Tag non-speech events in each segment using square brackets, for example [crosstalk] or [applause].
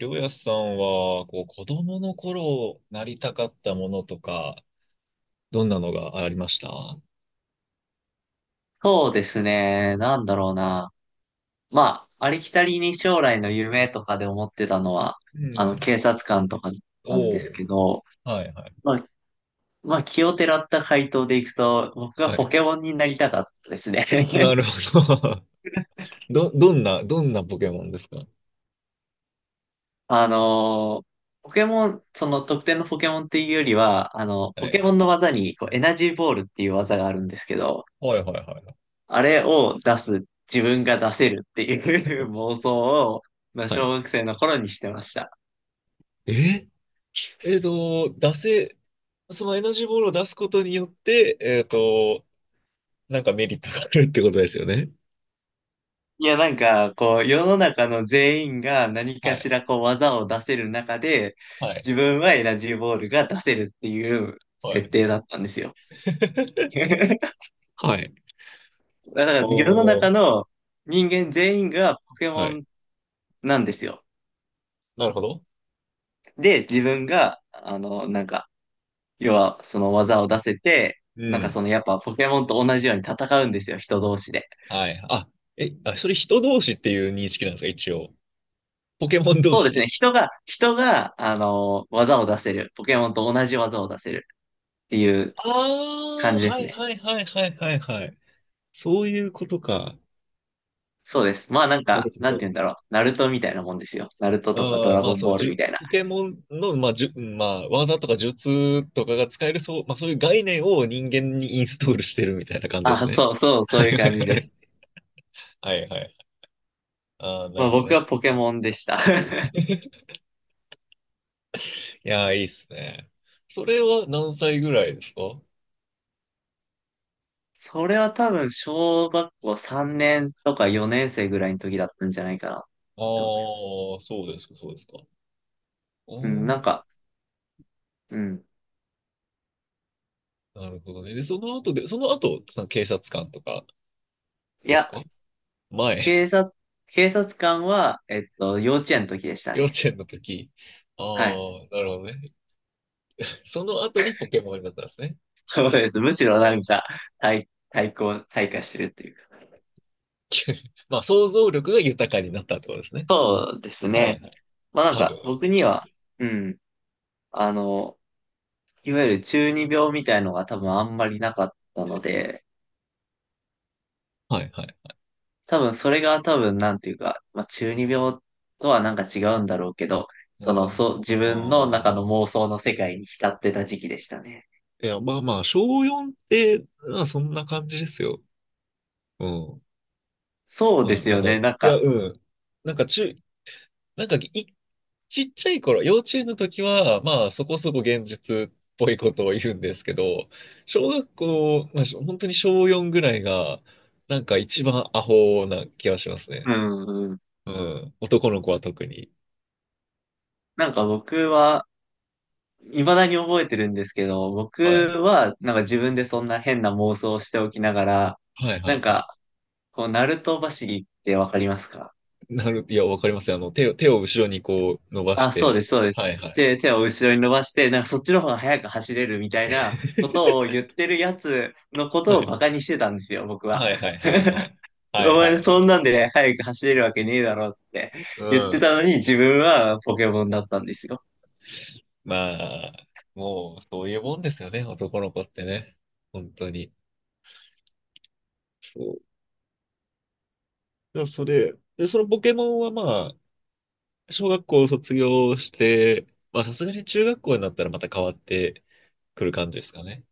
りょうやさんは、こう、子供の頃なりたかったものとか、どんなのがありました？そうですね。なんだろうな。まあ、ありきたりに将来の夢とかで思ってたのは、うん。警察官とかなんおですお、けど、はいはい。まあ、まあ、奇をてらった回答でいくと、僕がはポい。ケモンになりたかったですね。な [laughs] るほど。[laughs] どんな、どんなポケモンですか？あのーポケモン、その特定のポケモンっていうよりは、はポケい。モンの技にこうエナジーボールっていう技があるんですけど、はいはいはいはい。あれを出す、自分が出せるっていう [laughs] 妄想を、まあ、はい。小学生の頃にしてました。ええっと、出せ、そのエナジーボールを出すことによって、なんかメリットがあるってことですよね。いや、なんか、こう、世の中の全員が何はかい。しらこう技を出せる中で、はい。自分はエナジーボールが出せるっていうは設い。定だったんですよ。[laughs] [laughs] だはい。から世のお中ー。の人間全員がポケはモい。ンなんですよ。なるほど。で、自分が、なんか、要はその技を出せて、うなんかそん。のやっぱポケモンと同じように戦うんですよ、人同士で。はい。あ、え、あ、それ人同士っていう認識なんですか、一応。ポケモン同そうです士。ね、人が、技を出せる。ポケモンと同じ技を出せるっていうあ感あ、じではすいね。はいはいはいはいはい。そういうことか。そうです。まあなんなるか、ほなんてど。言うんだろう。ナルトみたいなもんですよ。ナルトとかドああ、ラゴンボールみたいな。ポケモンの、まあ、技とか術とかが使える、そう、まあそういう概念を人間にインストールしてるみたいな感じですあ、ね。そうそう、はそいういうは感いじはでい。す。はいはい。ああ、なまるあほど僕ね。はポケモンでした。[laughs] [laughs] いやー、いいっすね。それは何歳ぐらいですか？それは多分小学校3年とか4年生ぐらいの時だったんじゃないかなっああて思います。ー、そうですか、そうですか。あうん、なー、んか、うん。なるほどね。で、その後で、その後、その警察官とかいですや、か？前、警察、警察官は、幼稚園の時でし [laughs] た幼ね。稚園の時。あはい。あ、なるほどね。その後にポケモンになったんですね。そうです。むしあろなんあ、か、対抗、退化してるっていうか。[laughs] まあ、想像力が豊かになったってことですね。そうですはいね。はい。まあなん多分、か、僕にきっと。は、うん。あの、いわゆる中二病みたいのが多分あんまりなかったので、はいはい。多分それがなんていうか、まあ中二病とはなんか違うんだろうけど、うん。自あ分の中のあ。妄想の世界に浸ってた時期でしたね。いや、まあまあ、小4って、まあ、そんな感じですよ。うん。そうでまあ、すなんよか、いね、なんや、か、うん。なんか中、なんかい、ちっちゃい頃、幼稚園の時は、まあ、そこそこ現実っぽいことを言うんですけど、小学校、まあ、しょ本当に小4ぐらいが、なんか一番アホな気がしますうね。ん、うん、うん。男の子は特に。なんか僕は、未だに覚えてるんですけど、僕はい。はなんか自分でそんな変な妄想をしておきながら、はいはないんはい。か、こう、ナルト走りってわかりますか？なる、いや、わかりますよ。あの、手を、手を後ろにこう伸ばしあ、そうでて、す、そうです。はいはい。で、手を後ろに伸ばして、なんかそっちの方が速く走れるみたいなことを [laughs] 言ってるやつのこはとをい。バカにしてたんですよ、僕は。はいはいはいは [laughs] い。おはいは前いはそんい。なんで速く走れるわけねえだろってう言ってたん。のに自分はポケモンだったんですよ。まあ、もう、そういうもんですよね、男の子ってね。本当に。そう。だからそれ、で、そのポケモンはまあ、小学校を卒業して、まあさすがに中学校になったらまた変わってくる感じですかね。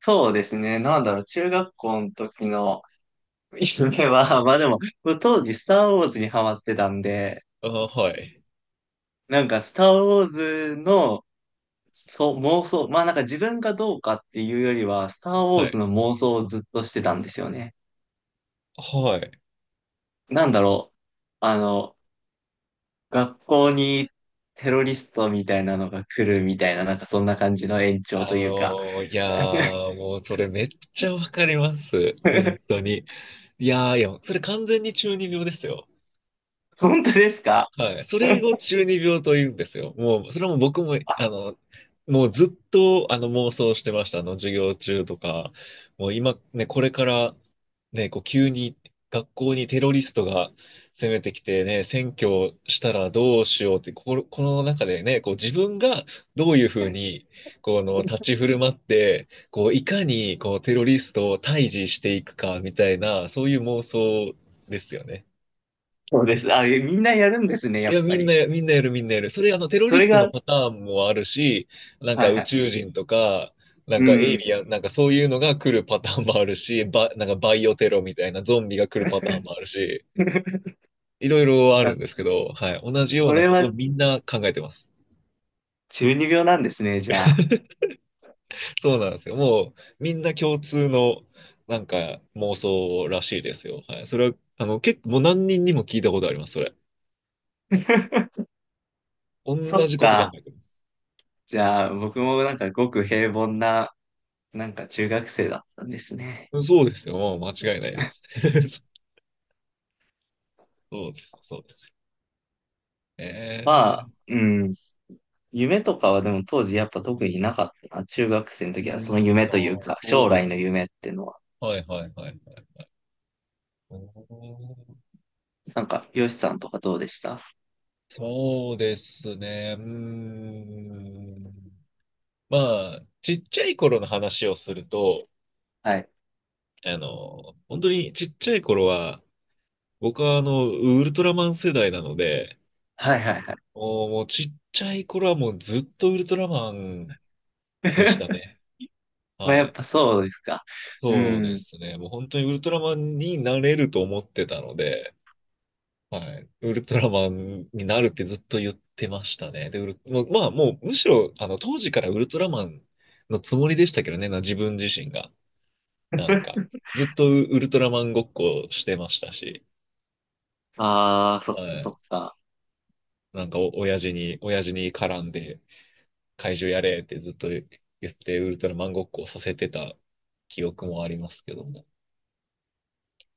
そうですね。なんだろう、中学校の時の夢は、[laughs] まあでも、当時スターウォーズにハマってたんで、あ、はい。なんかスターウォーズのそう、妄想。まあなんか自分がどうかっていうよりは、スターウォーはズい。の妄想をずっとしてたんですよね。はい。なんだろう。あの、学校にテロリストみたいなのが来るみたいな、なんかそんな感じの延長あというか。のー、いやー、もうそれめっちゃわかります。本 [laughs] 当に。いやー、いや、それ完全に中二病ですよ。本当ですか？ はい。それを [laughs] 中二病と言うんですよ。もう、それも僕も、あの、もうずっと、あの、妄想してました。あの、授業中とか。もう今、ね、これから、ね、こう、急に学校にテロリストが攻めてきてね、占拠したらどうしようって、この中でね、こう、自分がどういうふうに、この、立ち振る舞って、こう、いかに、こう、テロリストを退治していくか、みたいな、そういう妄想ですよね。そうです。あ、みんなやるんですね、やいっや、ぱり。みんなやる、みんなやる。それ、あの、テロそリスれトのが、パターンもあるし、なんはかい宇はい。宙人とか、なんうかエイん。リアン、なんかそういうのが来るパターンもあるし、なんかバイオテロみたいなゾンビが来るパターンもあるし、[laughs] いろいろああ、るんですけど、はい。同じよそうなれことをはみんな考えてます。中二病なんですね、じゃあ。そうなんですよ。もう、みんな共通の、なんか妄想らしいですよ。はい。それは、あの、結構、もう何人にも聞いたことあります、それ。[laughs] 同そっじこと考か。えてます。じゃあ、僕もなんかごく平凡な、なんか中学生だったんですね。そうですよ。もう間違いないです。[laughs] [laughs] そうです。そうです。まえあ、え。うん。夢とかはでも当時やっぱ特になかったな。中学生のう時はそのん、夢あというあ、か、そう将で来す。の夢っていうのは。はいはいはいはい。おー。なんか、よしさんとかどうでした？そうですね。うーん。まあ、ちっちゃい頃の話をすると、はい。あの、本当にちっちゃい頃は、僕はあの、ウルトラマン世代なので、はいはいはい。もう、もうちっちゃい頃はもうずっとウルトラマンでした [laughs] ね。まあはやっい。ぱそうですか。うそうでん。すね。もう本当にウルトラマンになれると思ってたので、はい。ウルトラマンになるってずっと言ってましたね。で、ウル、もうまあ、もう、むしろ、あの、当時からウルトラマンのつもりでしたけどね、な、自分自身が。なんか、[laughs] ずっとウルトラマンごっこしてましたし、ああ、そっかはそい。っか。なんかお、親父に、親父に絡んで、怪獣やれってずっと言って、ウルトラマンごっこをさせてた記憶もありますけども。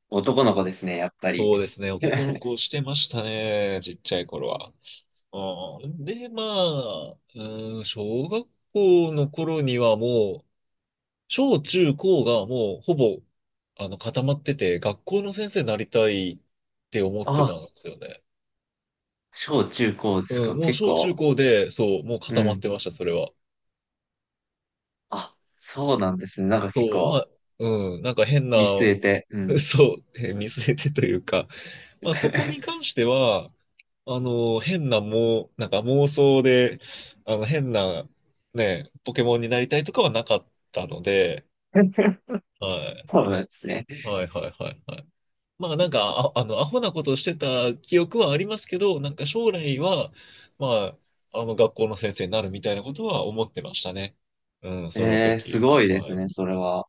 男の子ですね、やっぱり。そうですね、男の [laughs] 子をしてましたね、ちっちゃい頃は。ああ、で、まあ、うん、小学校の頃にはもう、小中高がもうほぼ、あの、固まってて、学校の先生になりたいって思ってあ、たんですよね。小中高ですうん、か。もう結小構、中高で、そう、もうう固まっん。てました、それは。あ、そうなんですね。なんか結そう、ま構あ、うん、なんか変な。 見据えて、う [laughs] ん。そう、見据えてというか、まあそこに [laughs] 関しては、あの、変なもう、なんか妄想で、あの、変な、ね、ポケモンになりたいとかはなかったので、はそうなんですね。い、はい、はい、はい、はい。まあなんか、あの、アホなことしてた記憶はありますけど、なんか将来は、まあ、あの、学校の先生になるみたいなことは思ってましたね。うん、そのえー、す時。ごいではすい。ね、それは。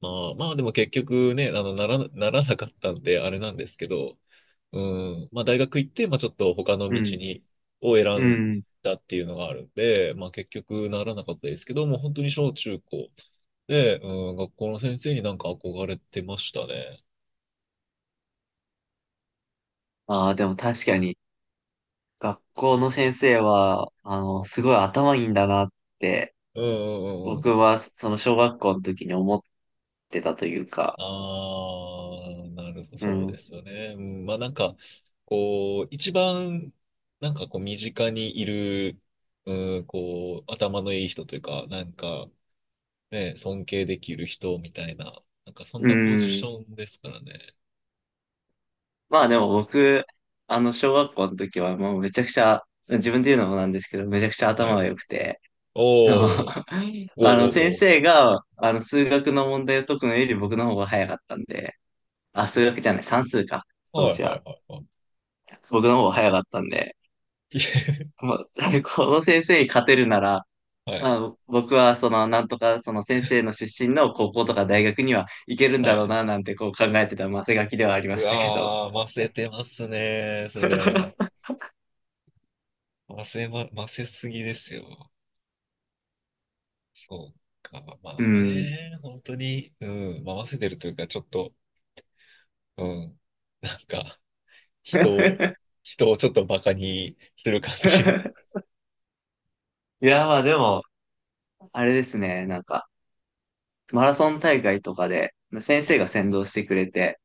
まあ、まあでも結局ね、あの、ならなかったんで、あれなんですけど、うん。まあ、大学行って、まあ、ちょっと他のう道ん、に、を選うんん。だっていうのがあるんで、まあ、結局ならなかったですけど、もう本当に小中高で、うん、学校の先生になんか憧れてましたね。ああ、でも確かに、学校の先生は、すごい頭いいんだなって、うんうんうんう僕ん。は、その小学校の時に思ってたというか、ああ、なるほど、うそうでん。すよね。うん、まあ、なんか、こう、一番、なんかこう、身近にいる、うん、こう、頭のいい人というか、なんか、ね、尊敬できる人みたいな、なんかそんうなポジシん。ョンですからね。まあでも僕、小学校の時はもうめちゃくちゃ、自分で言うのもなんですけど、めちゃくちゃは頭い。が良くて、おあの、ー、[laughs] おあの先ー、おー、生が、数学の問題を解くのより僕の方が早かったんで、あ、数学じゃない、算数か、おー。当はい、時はい、は。はい、はい。僕の方が早かったんで、[laughs] もう、[laughs] この先生に勝てるなら、はい、あ、僕はその、なんとか、その先生の出身の高校とか大学には行けるんはだろうい。な、なんてこう考えてたマせがきではありまうしたけど。わー、ませてますね、それは。[laughs] ませま、ませすぎですよ。そうか、まうあん。ね、本当に、うん、まあ、ませてるというか、ちょっと、うん、なんか、人を、[laughs] 人をちょっとバカにする感じ。いや、まあでも、あれですね、なんか、マラソン大会とかで、先は生がい。先導してくれて、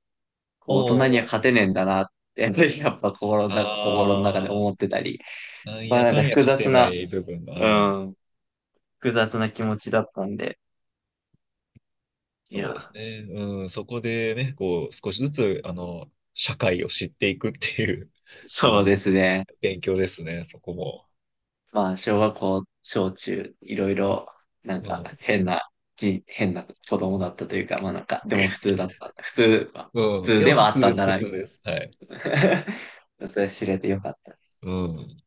こう大人にはお勝てー、ねえんだなって、[laughs] やっぱ心の中であ思ってたり、ー、なんまやあなんかかんや複勝て雑なな、い部分が、ううん。ん、複雑な気持ちだったんで、いそうでや、すね。うん、そこでね、こう、少しずつ、あの、社会を知っていくっていう、[laughs] うそうでん、すね。勉強ですね、そこも。まあ、小学校、小中、いろいろ、なんか、う変な子供だったというか、まあなんか、でも普通だった。普ん、うん、い通や、で普はあっ通たでんす、だ普な、み通です。はい。たいな [laughs] それ知れてよかった。うん。